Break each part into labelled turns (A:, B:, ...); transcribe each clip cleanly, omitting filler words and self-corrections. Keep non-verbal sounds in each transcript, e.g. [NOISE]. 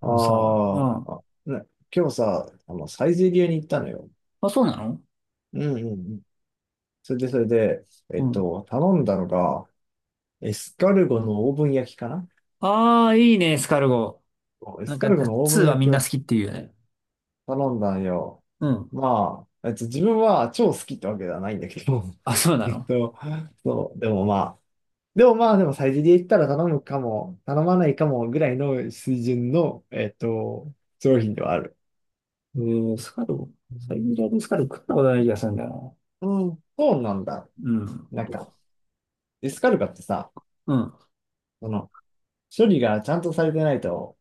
A: あ
B: あのさ、うん。
A: あ、あ、ね、今日さ、サイゼリヤに行ったのよ。
B: あ、そうなの。
A: うんうんうん。それで、
B: うん。
A: 頼んだのが、エスカルゴのオーブン焼きかな。
B: ああ、いいね、エスカルゴ。
A: そうエ
B: な
A: ス
B: ん
A: カ
B: か、
A: ルゴのオーブ
B: 2
A: ン
B: は
A: 焼
B: み
A: き
B: んな
A: を
B: 好きっていうよね。
A: 頼んだんよ。
B: うん。
A: まあ、自分は超好きってわけではないんだけど、
B: あ、そう
A: [LAUGHS]
B: な
A: えっ
B: の。
A: と、そう、でもまあ、でもサイゼリヤ行ったら頼むかも、頼まないかもぐらいの水準の、商品ではある。
B: エスカルゴ。サイゼリヤでエスカルゴ食ったことない気がするんだよ
A: うん、うんそうなんだ。
B: な。うん。
A: なんか、
B: と、
A: エスカルパってさ、
B: うん。
A: その、処理がちゃんとされてないと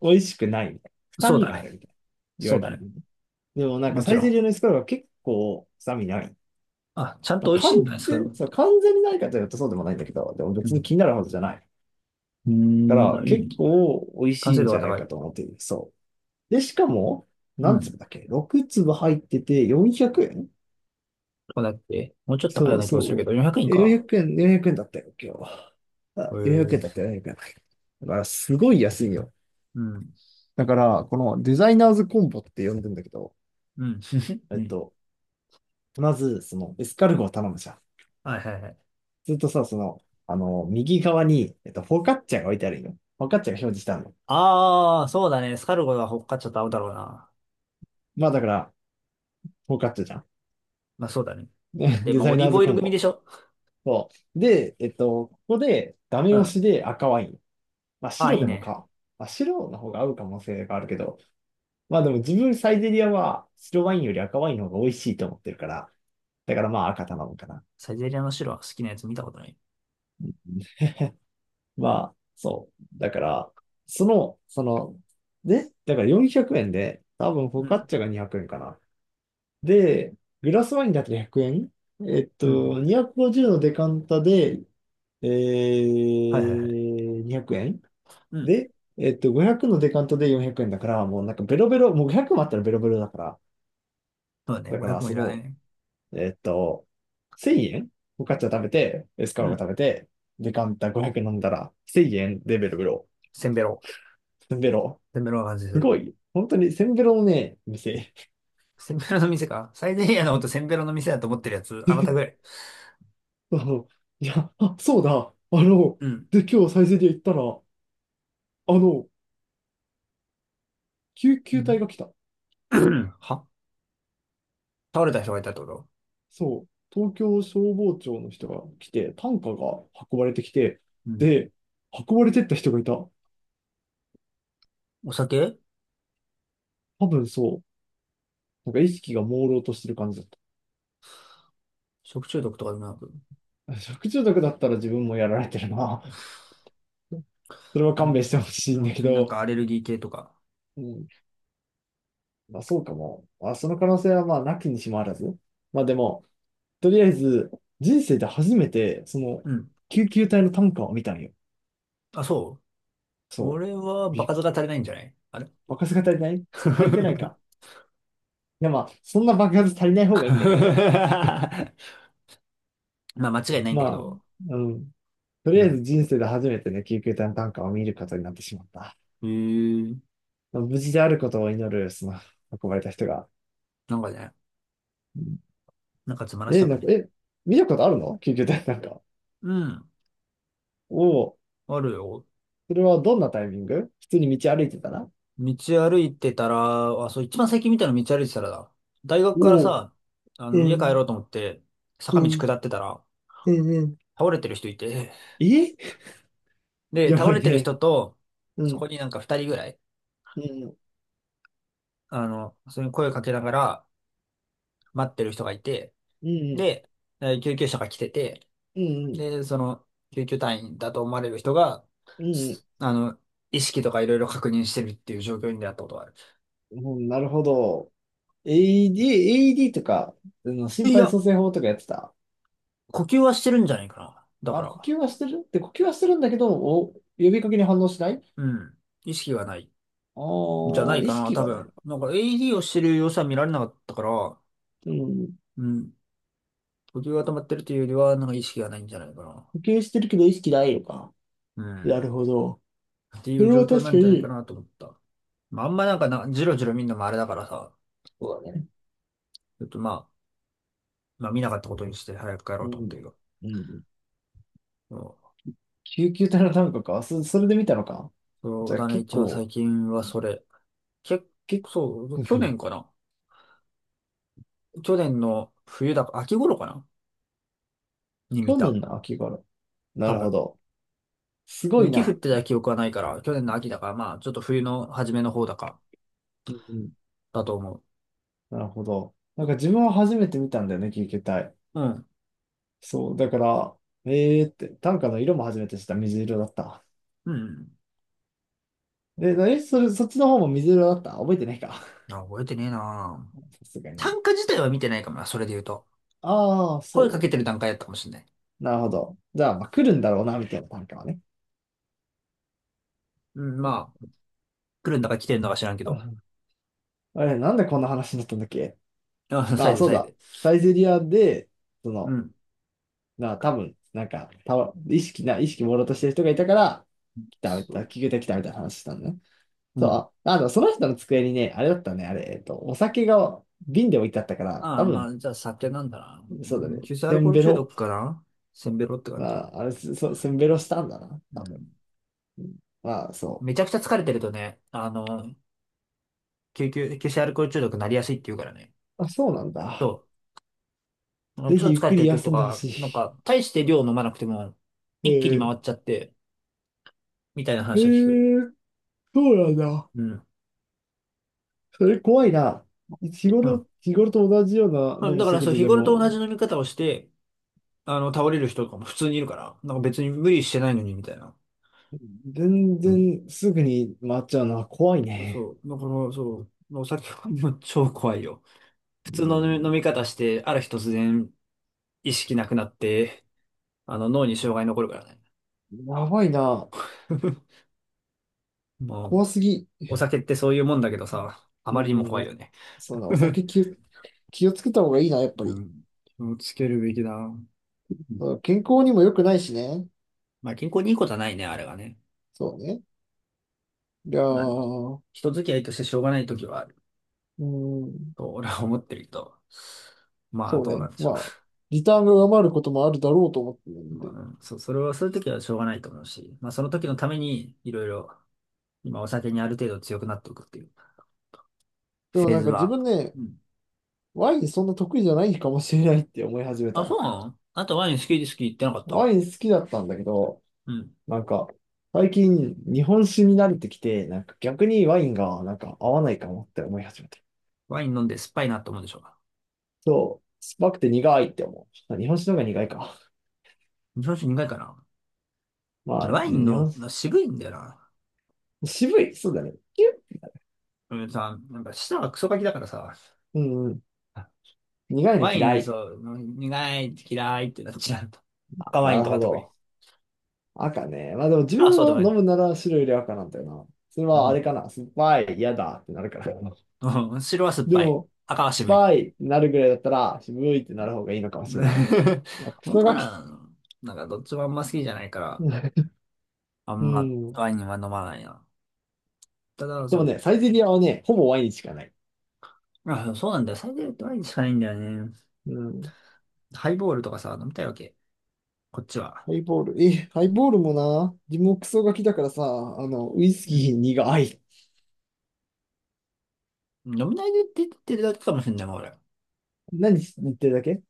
A: 美味しくないみたいな。臭
B: そう
A: み
B: だ
A: がある
B: ね。
A: みたいな。言わ
B: そう
A: れ
B: だ
A: る
B: ね。
A: よね。でもなんか
B: も
A: サ
B: ち
A: イ
B: ろ
A: ゼリ
B: ん。
A: ヤのエスカルパは結構臭みない。
B: あ、ちゃん
A: ま
B: と
A: あ、
B: 美味しいんだね、エスカルゴっ
A: そう、
B: て。
A: 完全にないかというとそうでもないんだけど、でも
B: う
A: 別に
B: ん。
A: 気になるほどじゃない。
B: う
A: だか
B: ーん、
A: ら
B: あ、いい
A: 結
B: ね。
A: 構美味
B: 完
A: しい
B: 成
A: ん
B: 度
A: じ
B: が
A: ゃない
B: 高い。
A: かと思っている。そう。で、しかも、
B: う
A: 何
B: ん。
A: 粒だっけ？ 6 粒入ってて400円。
B: こうだって、もうちょっと高いよ
A: そ
B: う
A: う
B: な気もするけ
A: そ
B: ど、400円
A: う。400
B: か。
A: 円、4 0円だったよ、今日は。あ、
B: へ
A: 400円
B: え。
A: だったよ、4 0円。だからすごい安いよ。
B: うん。
A: だから、このデザイナーズコンボって呼んでんだけど、
B: うん。[LAUGHS]
A: え
B: う
A: っ
B: ん。
A: と、まず、エスカルゴを頼むじゃん。
B: はいはいはい。
A: するとさ、右側に、フォカッチャが置いてあるんよ。フォカッチャが表示したの。
B: ああ、そうだね。スカルゴがほっかちょっと合うだろうな。
A: まあ、だから、フォカッチャじゃん。
B: まあそうだね。
A: [LAUGHS]
B: だっ
A: ね、
B: て、
A: デ
B: まあ
A: ザ
B: オ
A: イ
B: リー
A: ナー
B: ブ
A: ズ
B: オイ
A: コ
B: ル
A: ン
B: 組
A: ボ。
B: でしょ。
A: そう。で、ここで、ダ
B: う
A: メ
B: ん。
A: 押
B: あ
A: しで赤ワイン。まあ、
B: あ、
A: 白
B: いい
A: でも
B: ね。
A: か。まあ、白の方が合う可能性があるけど、まあでも自分サイゼリアは白ワインより赤ワインの方が美味しいと思ってるから、だからまあ赤頼むかな。
B: サイゼリアの白は好きなやつ見たことない。
A: まあ、そう。だから、その、その、で、だから400円で、多分フォ
B: う
A: カッ
B: ん。
A: チャが200円かな。で、グラスワインだけ100円えんえっ
B: うん。
A: と、250のデカンタで、
B: はいはいはい。
A: 200円
B: うん。
A: で、500のデカンタで400円だから、もうなんかベロベロ、もう500もあったらベロベロだから。
B: そうだね。
A: だか
B: 500
A: ら、
B: もいらないね。
A: えっと、1000円、フォカッチャ食べて、エスカ
B: う
A: ローが
B: ん。
A: 食べて、デカンタ500飲んだら、1000円でベロベロ。
B: センベロ。
A: ベロ。
B: センベロが感じす
A: す
B: る。
A: ごい。本当に、せんべろのね、店。
B: センベロの店か。サイゼリアのことセンベロの店だと思ってるやつ、あなたぐらい。
A: そういや、あ、そうだ。
B: うん。
A: で、今日サイゼリヤ行ったら、の、救
B: う
A: 急隊
B: ん。
A: が来た。
B: [CLEARS THROAT] は、倒れた人がいたってこと？
A: そう。東京消防庁の人が来て、担架が運ばれてきて、
B: うん。
A: で、運ばれてった人がいた。
B: お酒。
A: 多分そう。なんか意識が朦朧としてる感じだっ
B: 食中毒とかでもなく、
A: た。食中毒だったら自分もやられてるな。それは
B: な
A: 勘
B: ん
A: 弁してほ
B: か、
A: しい
B: う
A: ん
B: ん、
A: だ
B: 普
A: け
B: 通になん
A: ど、
B: かアレルギー系とか。
A: うん。まあそうかも。まあその可能性はまあなきにしもあらず。まあでも、とりあえず、人生で初めて、
B: うん。
A: 救急隊の担架を見たんよ。
B: あ、そう。こ
A: そう。
B: れは場
A: び
B: 数が足りないんじゃない、あれ？
A: 爆発が足りない。足りてない
B: [LAUGHS]
A: か。いや、まあ、そんな爆発足りない方がいいんだけど、
B: まあ間違いないんだけ
A: まあ、
B: ど。
A: うん。と
B: う
A: りあえ
B: ん。
A: ず人生で初めてね、救急隊の担架を見ることになってしまった。
B: えー、
A: まあ無事であることを祈る、運ばれた人が。
B: なんかね、
A: うん。
B: なんかつまらし
A: え、
B: たか
A: なんか、
B: ね。
A: 見たことあるの救急隊の担架。
B: うん。
A: おお、
B: あるよ。
A: それはどんなタイミング？普通に道歩いてたら？
B: 道歩いてたら、あ、そう、一番最近見たの道歩いてたらだ。大学から
A: おお、
B: さ、あ
A: う
B: の、家帰
A: ん、
B: ろうと思って、坂
A: う
B: 道
A: ん、
B: 下ってたら、
A: うん、うん。
B: 倒れてる人いて、
A: え、
B: で、
A: や
B: 倒
A: ばい
B: れてる
A: ね。
B: 人と、
A: う
B: そ
A: ん。
B: こになんか二人ぐらい、
A: うん、
B: あの、それに声かけながら待ってる人がいて、
A: うん、
B: で、救急車が来てて、
A: うん、
B: で、その、救急隊員だと思われる人が、
A: うん、
B: あの、意識とかいろいろ確認してるっていう状況に出会ったことがある。
A: うん、なるほど。AED、a d とか、心
B: い
A: 肺
B: や、
A: 蘇生法とかやってた。
B: 呼吸はしてるんじゃないかな。だか
A: あ、
B: ら、
A: 呼吸はしてるって、呼吸はしてるんだけど、お、呼びかけに反応しない。
B: うん。意識がない。
A: ああ
B: じゃない
A: ー、意
B: かな、
A: 識
B: 多
A: がない
B: 分。
A: のか。
B: なんか AED をしてる様子は見られなかったから、
A: うん。
B: うん。呼吸が止まってるというよりは、なんか意識がないんじゃないかな。
A: 呼吸してるけど意識ないのか。
B: う
A: な
B: ん。
A: るほど。
B: ってい
A: そ
B: う
A: れ
B: 状
A: は
B: 況
A: 確
B: な
A: か
B: んじゃないか
A: に。
B: なと思った。まあ、あんまなんかな、じろじろ見るのもあれだからさ、
A: そうだね。
B: ちょっとまあ、まあ見なかったことにして早く帰ろ
A: う
B: うと思った
A: ん。
B: けど。
A: うん。救急隊の単価か。それで見たのか。
B: そ
A: じ
B: う
A: ゃあ
B: だね、
A: 結
B: 一番
A: 構、
B: 最近はそれ。結
A: 結
B: 構、そう、
A: 構、
B: 去
A: [LAUGHS]
B: 年かな。去年の冬だか、秋頃かなに見
A: 去
B: た。
A: 年の秋頃。な
B: 多
A: るほ
B: 分。
A: ど。すごい
B: 雪降っ
A: な。
B: てた記憶はないから、去年の秋だから、まあ、ちょっと冬の初めの方だか、
A: うんうん
B: だと思
A: なるほど。な
B: う。
A: んか自分は
B: こ
A: 初めて見たんだよね、聞けたい。
B: うん。
A: そう、だから、えーって、短歌の色も初めて知った、水色だった。
B: うん。
A: で、え、それ、そっちの方も水色だった覚えてないか？ [LAUGHS]
B: あ、覚えてねえな。
A: さすがにね。
B: 単価自体は見てないかもな、それで言うと。
A: ああ、
B: 声かけ
A: そ
B: てる段階だったかもしんない。
A: う。なるほど。じゃあ、まあ、来るんだろうな、みたいな短歌はね。
B: うん、まあ、来るんだか来てるんだか知らんけ
A: [LAUGHS] う
B: ど。
A: ん。あれ、なんでこんな話になったんだっけ？
B: あ、[LAUGHS] サ
A: あ
B: イ
A: あ、
B: ズ
A: そう
B: サイ
A: だ。
B: ズ。
A: サイゼリアで、そ
B: う
A: の、
B: ん。
A: なあ、多分、なんか、た意識な、意識朦朧としてる人がいたから、来た、来
B: そ
A: た、
B: う。
A: 聞けてきたみたいな話したんだね。
B: う
A: そ
B: ん。
A: う、その人の机にね、あれだったね、あれ、えっと、お酒が瓶で置いてあったから、
B: あ
A: 多
B: あ、ま
A: 分、
B: あ、じゃあ酒なんだな。
A: そう
B: う
A: だ
B: ん、
A: ね、
B: 急性ア
A: せ
B: ルコ
A: ん
B: ール
A: べ
B: 中
A: ろ。
B: 毒かな。せんべろって
A: ま
B: 感じ。
A: あ、あれ、せんべろしたんだな。
B: うん。
A: うん。まあ、そ
B: めちゃくちゃ疲れてるとね、あの、急性アルコール中毒になりやすいって言うからね。
A: う。あ、そうなんだ。
B: そう。
A: ぜ
B: 超
A: ひゆっ
B: 疲れ
A: く
B: て
A: り
B: る時と
A: 休んでほ
B: か、なん
A: し
B: か、大して量飲まなくても、
A: い。
B: 一気に
A: ー、
B: 回っちゃって、みたいな
A: え
B: 話を聞く。
A: ー、そうなんだ。
B: うん。
A: それ怖いな。日
B: うん。う
A: 頃、日頃と同じような
B: ん。
A: 飲
B: だ
A: む
B: から
A: 速
B: そう、
A: 度
B: 日
A: で
B: 頃と
A: も、
B: 同じ飲み方をして、あの、倒れる人とかも普通にいるから、なんか別に無理してないのに、みたいな。
A: 全
B: うん。
A: 然すぐに回っちゃうのは怖いね。
B: そう。だから、そう。お酒はもう超怖いよ。普
A: う
B: 通の飲み飲み
A: ん、
B: 方して、ある日突然意識なくなって、あの、脳に障害残るからね。
A: やばいな。
B: [LAUGHS] まあ、
A: 怖すぎ。
B: お酒ってそういうもんだけどさ、あ
A: う
B: まりにも
A: ん、
B: 怖い
A: お、
B: よね。
A: そうだ、お酒
B: [LAUGHS]
A: 気をつけた方がいいな、やっぱ
B: う
A: り。
B: ん。気をつけるべきだ。うん。
A: そう健康にも良くないしね。
B: まあ、健康にいいことはないね、あれはね。
A: そうね。いや
B: まあ、
A: ー、
B: 人付き合いとしてしょうがないときはある
A: うん、
B: と、俺は思ってるけど。まあ、
A: そう
B: どうな
A: ね。
B: んでし
A: ま
B: ょう。
A: あ、リターンが上回ることもあるだろうと思ってるん
B: まあ、
A: で。
B: うん、それは、そういうときはしょうがないと思うし、まあ、その時のために、いろいろ、今お酒にある程度強くなっておくっていう
A: で
B: フ
A: も
B: ェー
A: なん
B: ズ
A: か自分
B: は、
A: ね、
B: うん。
A: ワインそんな得意じゃないかもしれないって思い始め
B: あ、そ
A: た。
B: うなの？あなたワイン好き好き言ってなかっ
A: ワ
B: た？
A: イン好きだったんだけど、
B: うん。
A: なんか、最近日本酒に慣れてきて、なんか逆にワインがなんか合わないかもって思い始めた。
B: ワイン飲んで酸っぱいなと思うでしょうか。
A: そう、酸っぱくて苦いって思う。あ、日本酒の方が苦いか。
B: 日本酒苦いかな。
A: まあ、
B: ワイン
A: 日本
B: の渋いんだよな。
A: 渋い。そうだね。キュッ。
B: うんさ、なんか舌がクソガキだからさ、
A: うんうん。苦いの
B: ワイ
A: 嫌
B: ンそ
A: い。
B: う、苦いって嫌いってなっちゃうと。赤ワ
A: な
B: イン
A: る
B: とか
A: ほ
B: 特に。
A: ど。赤ね。まあでも自
B: 白は
A: 分
B: そう
A: は
B: でもな
A: 飲む
B: い。
A: なら白より赤なんだよな。それ
B: う
A: はあれ
B: ん。
A: かな。酸っぱい、嫌だってなるから。
B: うん。白は酸っ
A: で
B: ぱい。
A: も、
B: 赤は渋
A: 酸っぱ
B: い。
A: いってなるぐらいだったら、渋いってなる方がいいのかもしれない。
B: [LAUGHS]
A: まあ、ク
B: 本
A: ソ
B: 当か
A: ガキ。
B: な。なんかどっちもあんま好きじゃないから、
A: [LAUGHS]
B: あ
A: う
B: んま
A: ん。
B: ワインは飲まないな。ただ、
A: で
B: そ
A: も
B: う。
A: ね、サイゼリアはね、ほぼワインしかない。
B: あ、そうなんだよ。最低ワインしかないんだよね。
A: うん。
B: ハイボールとかさ、飲みたいわけ。こっちは。
A: ハイボール。え、ハイボールもな、自分もクソガキだからさ、ウイス
B: うん。
A: キー苦い。
B: 飲み慣れてってるだけかもしれないもん、俺。
A: 何言ってるだけ？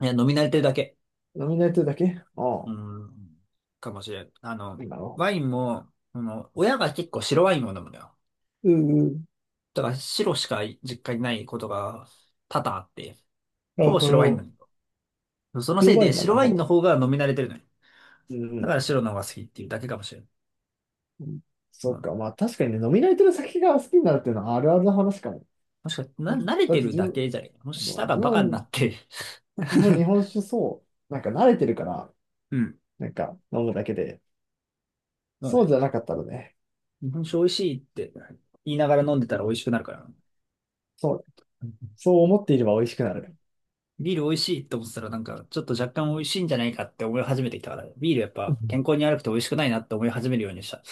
B: いや、飲み慣れてるだけ。
A: 飲み慣れてるだけ。ああ、
B: うん。かもしれん。あ
A: な
B: の、
A: るほど。
B: ワインも、あの、親が結構白ワインを飲むのよ。
A: うんうん。
B: だから白しか実家にないことが多々あって、
A: な
B: ほ
A: る
B: ぼ
A: ほ
B: 白ワイン
A: ど。
B: なんだよ。そのせ
A: 白
B: い
A: ワイ
B: で
A: ンなん
B: 白
A: だ、
B: ワ
A: ハ
B: インの
A: ボ。
B: 方が飲み慣れてるのよ。
A: うんう
B: だ
A: ん。
B: から白の方が好きっていうだけかもしれん。
A: うん。
B: う
A: そっ
B: ん。
A: か。まあ確かにね、飲み慣れてる酒が好きになるっていうのはあるあるな話かも。
B: もしかして、
A: だって、
B: 慣れ
A: だっ
B: て
A: て
B: る
A: 自
B: だ
A: 分、
B: けじゃねえ。もし舌が
A: 自
B: バカにな
A: 分
B: って
A: も
B: [LAUGHS]
A: 日本酒そう、なんか慣れてるから、
B: うん。
A: なんか飲むだけで、
B: そう
A: そう
B: ね。
A: じゃなかったらね、
B: 日本酒美味しいって言いながら飲んでたら美味しくなるからな。
A: そう、そう思っていれば美味しくなる。
B: ビール美味しいって思ってたらなんかちょっと若干美味しいんじゃないかって思い始めてきたから、ビールやっ
A: う
B: ぱ健
A: ん。
B: 康に悪くて美味しくないなって思い始めるようにした。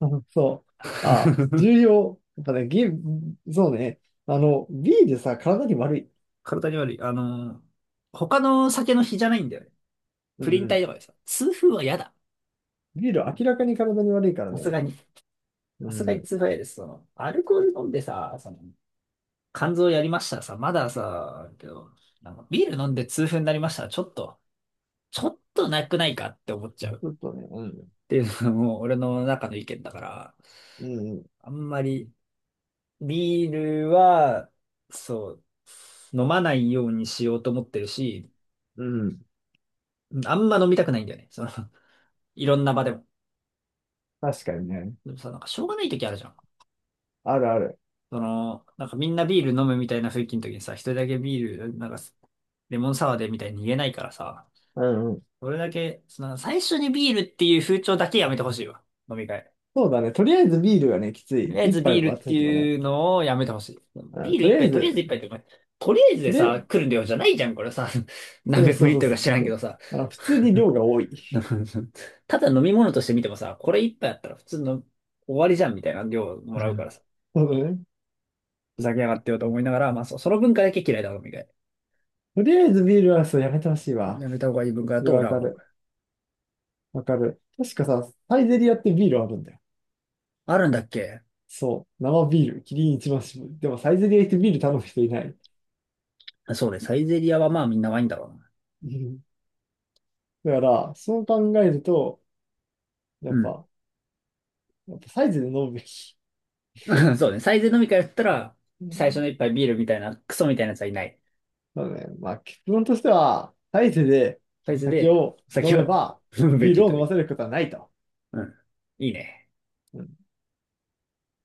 A: [LAUGHS] そう。ああ、
B: [LAUGHS]
A: 重要。やっぱね、そうね。ビールさ、体に悪い。
B: 体に悪い。他の酒の比じゃないんだよね。
A: う
B: プリ
A: ん
B: ン
A: う
B: 体
A: ん。
B: とかでさ、痛風は嫌だ。
A: ビール明らかに体に悪いから
B: さす
A: ね。
B: がに。
A: う
B: さすが
A: んう
B: に
A: ん。ち
B: 痛風は嫌です。その、アルコール飲んでさ、その、肝臓やりましたらさ、まださ、けど、なんかビール飲んで痛風になりましたらちょっと、ちょっとなくないかって思っちゃう。
A: ょっとね、うん。
B: っていうのも俺の中の意見だから、
A: うんうん。
B: あんまりビールは、そう、飲まないようにしようと思ってるし、
A: うん。
B: あんま飲みたくないんだよね。その、いろんな場でも。
A: 確かにね。
B: でもさ、なんかしょうがない時あるじゃん。
A: あるある。
B: その、なんかみんなビール飲むみたいな雰囲気の時にさ、一人だけビール、なんか、レモンサワーでみたいに言えないからさ、
A: うんうん。
B: それだけ、その、最初にビールっていう風潮だけやめてほしいわ。飲み会。
A: そうだね。とりあえずビールがね、きつ
B: と
A: い。
B: りあえ
A: 一
B: ずビー
A: 杯
B: ル
A: 割っ
B: って
A: ててもね。
B: いうのをやめてほしい。
A: う
B: ビ
A: ん、
B: ール
A: とり
B: 一
A: あえ
B: 杯、とりあえず
A: ず、
B: 一杯って、とりあえず
A: と
B: で
A: りあえ
B: さ、
A: ず、
B: 来る量じゃないじゃん、これさ。[LAUGHS]
A: そ
B: 何百
A: う
B: ミリ
A: そう
B: リ
A: そ
B: ッ
A: う
B: トルか知
A: そう
B: らん
A: そ
B: けど
A: う。
B: さ。
A: 普通に
B: [LAUGHS]
A: 量が多い。
B: ただ飲み物として見てもさ、これ一杯あったら普通の終わりじゃんみたいな量も
A: う
B: らうか
A: ん、
B: らさ。
A: そうだね。
B: ふざけやがってよと思いながら、まあ、その文化だけ嫌いだ、飲み会。
A: とりあえずビールはそうやめてほしいわ。
B: やめた方がいい文化だ
A: それ
B: と俺
A: わ
B: は
A: か
B: 思う。
A: る。わかる。確かさ、サイゼリアってビールあるんだよ。
B: あるんだっけ？
A: そう。生ビール。キリン一番搾り。でもサイゼリア行ってビール頼む人いない。
B: あ、そうね、サイゼリアはまあみんなワインだろ
A: うん。だから、そう考えると、や
B: う
A: っ
B: な。
A: ぱ、サイズで飲むべき。
B: うん。[LAUGHS] そうね、サイゼ飲み会だったら、
A: う
B: 最初
A: ん。
B: の一杯ビールみたいな、クソみたいなやつはいない。
A: そうね。まあ、結論としては、大勢で
B: サイズ
A: 酒
B: で、
A: を飲
B: 先
A: め
B: を
A: ば、
B: 踏むべ
A: ビー
B: き
A: ルを
B: と
A: 飲
B: い
A: ま
B: う。
A: せることはないと。
B: うん。いいね。
A: うん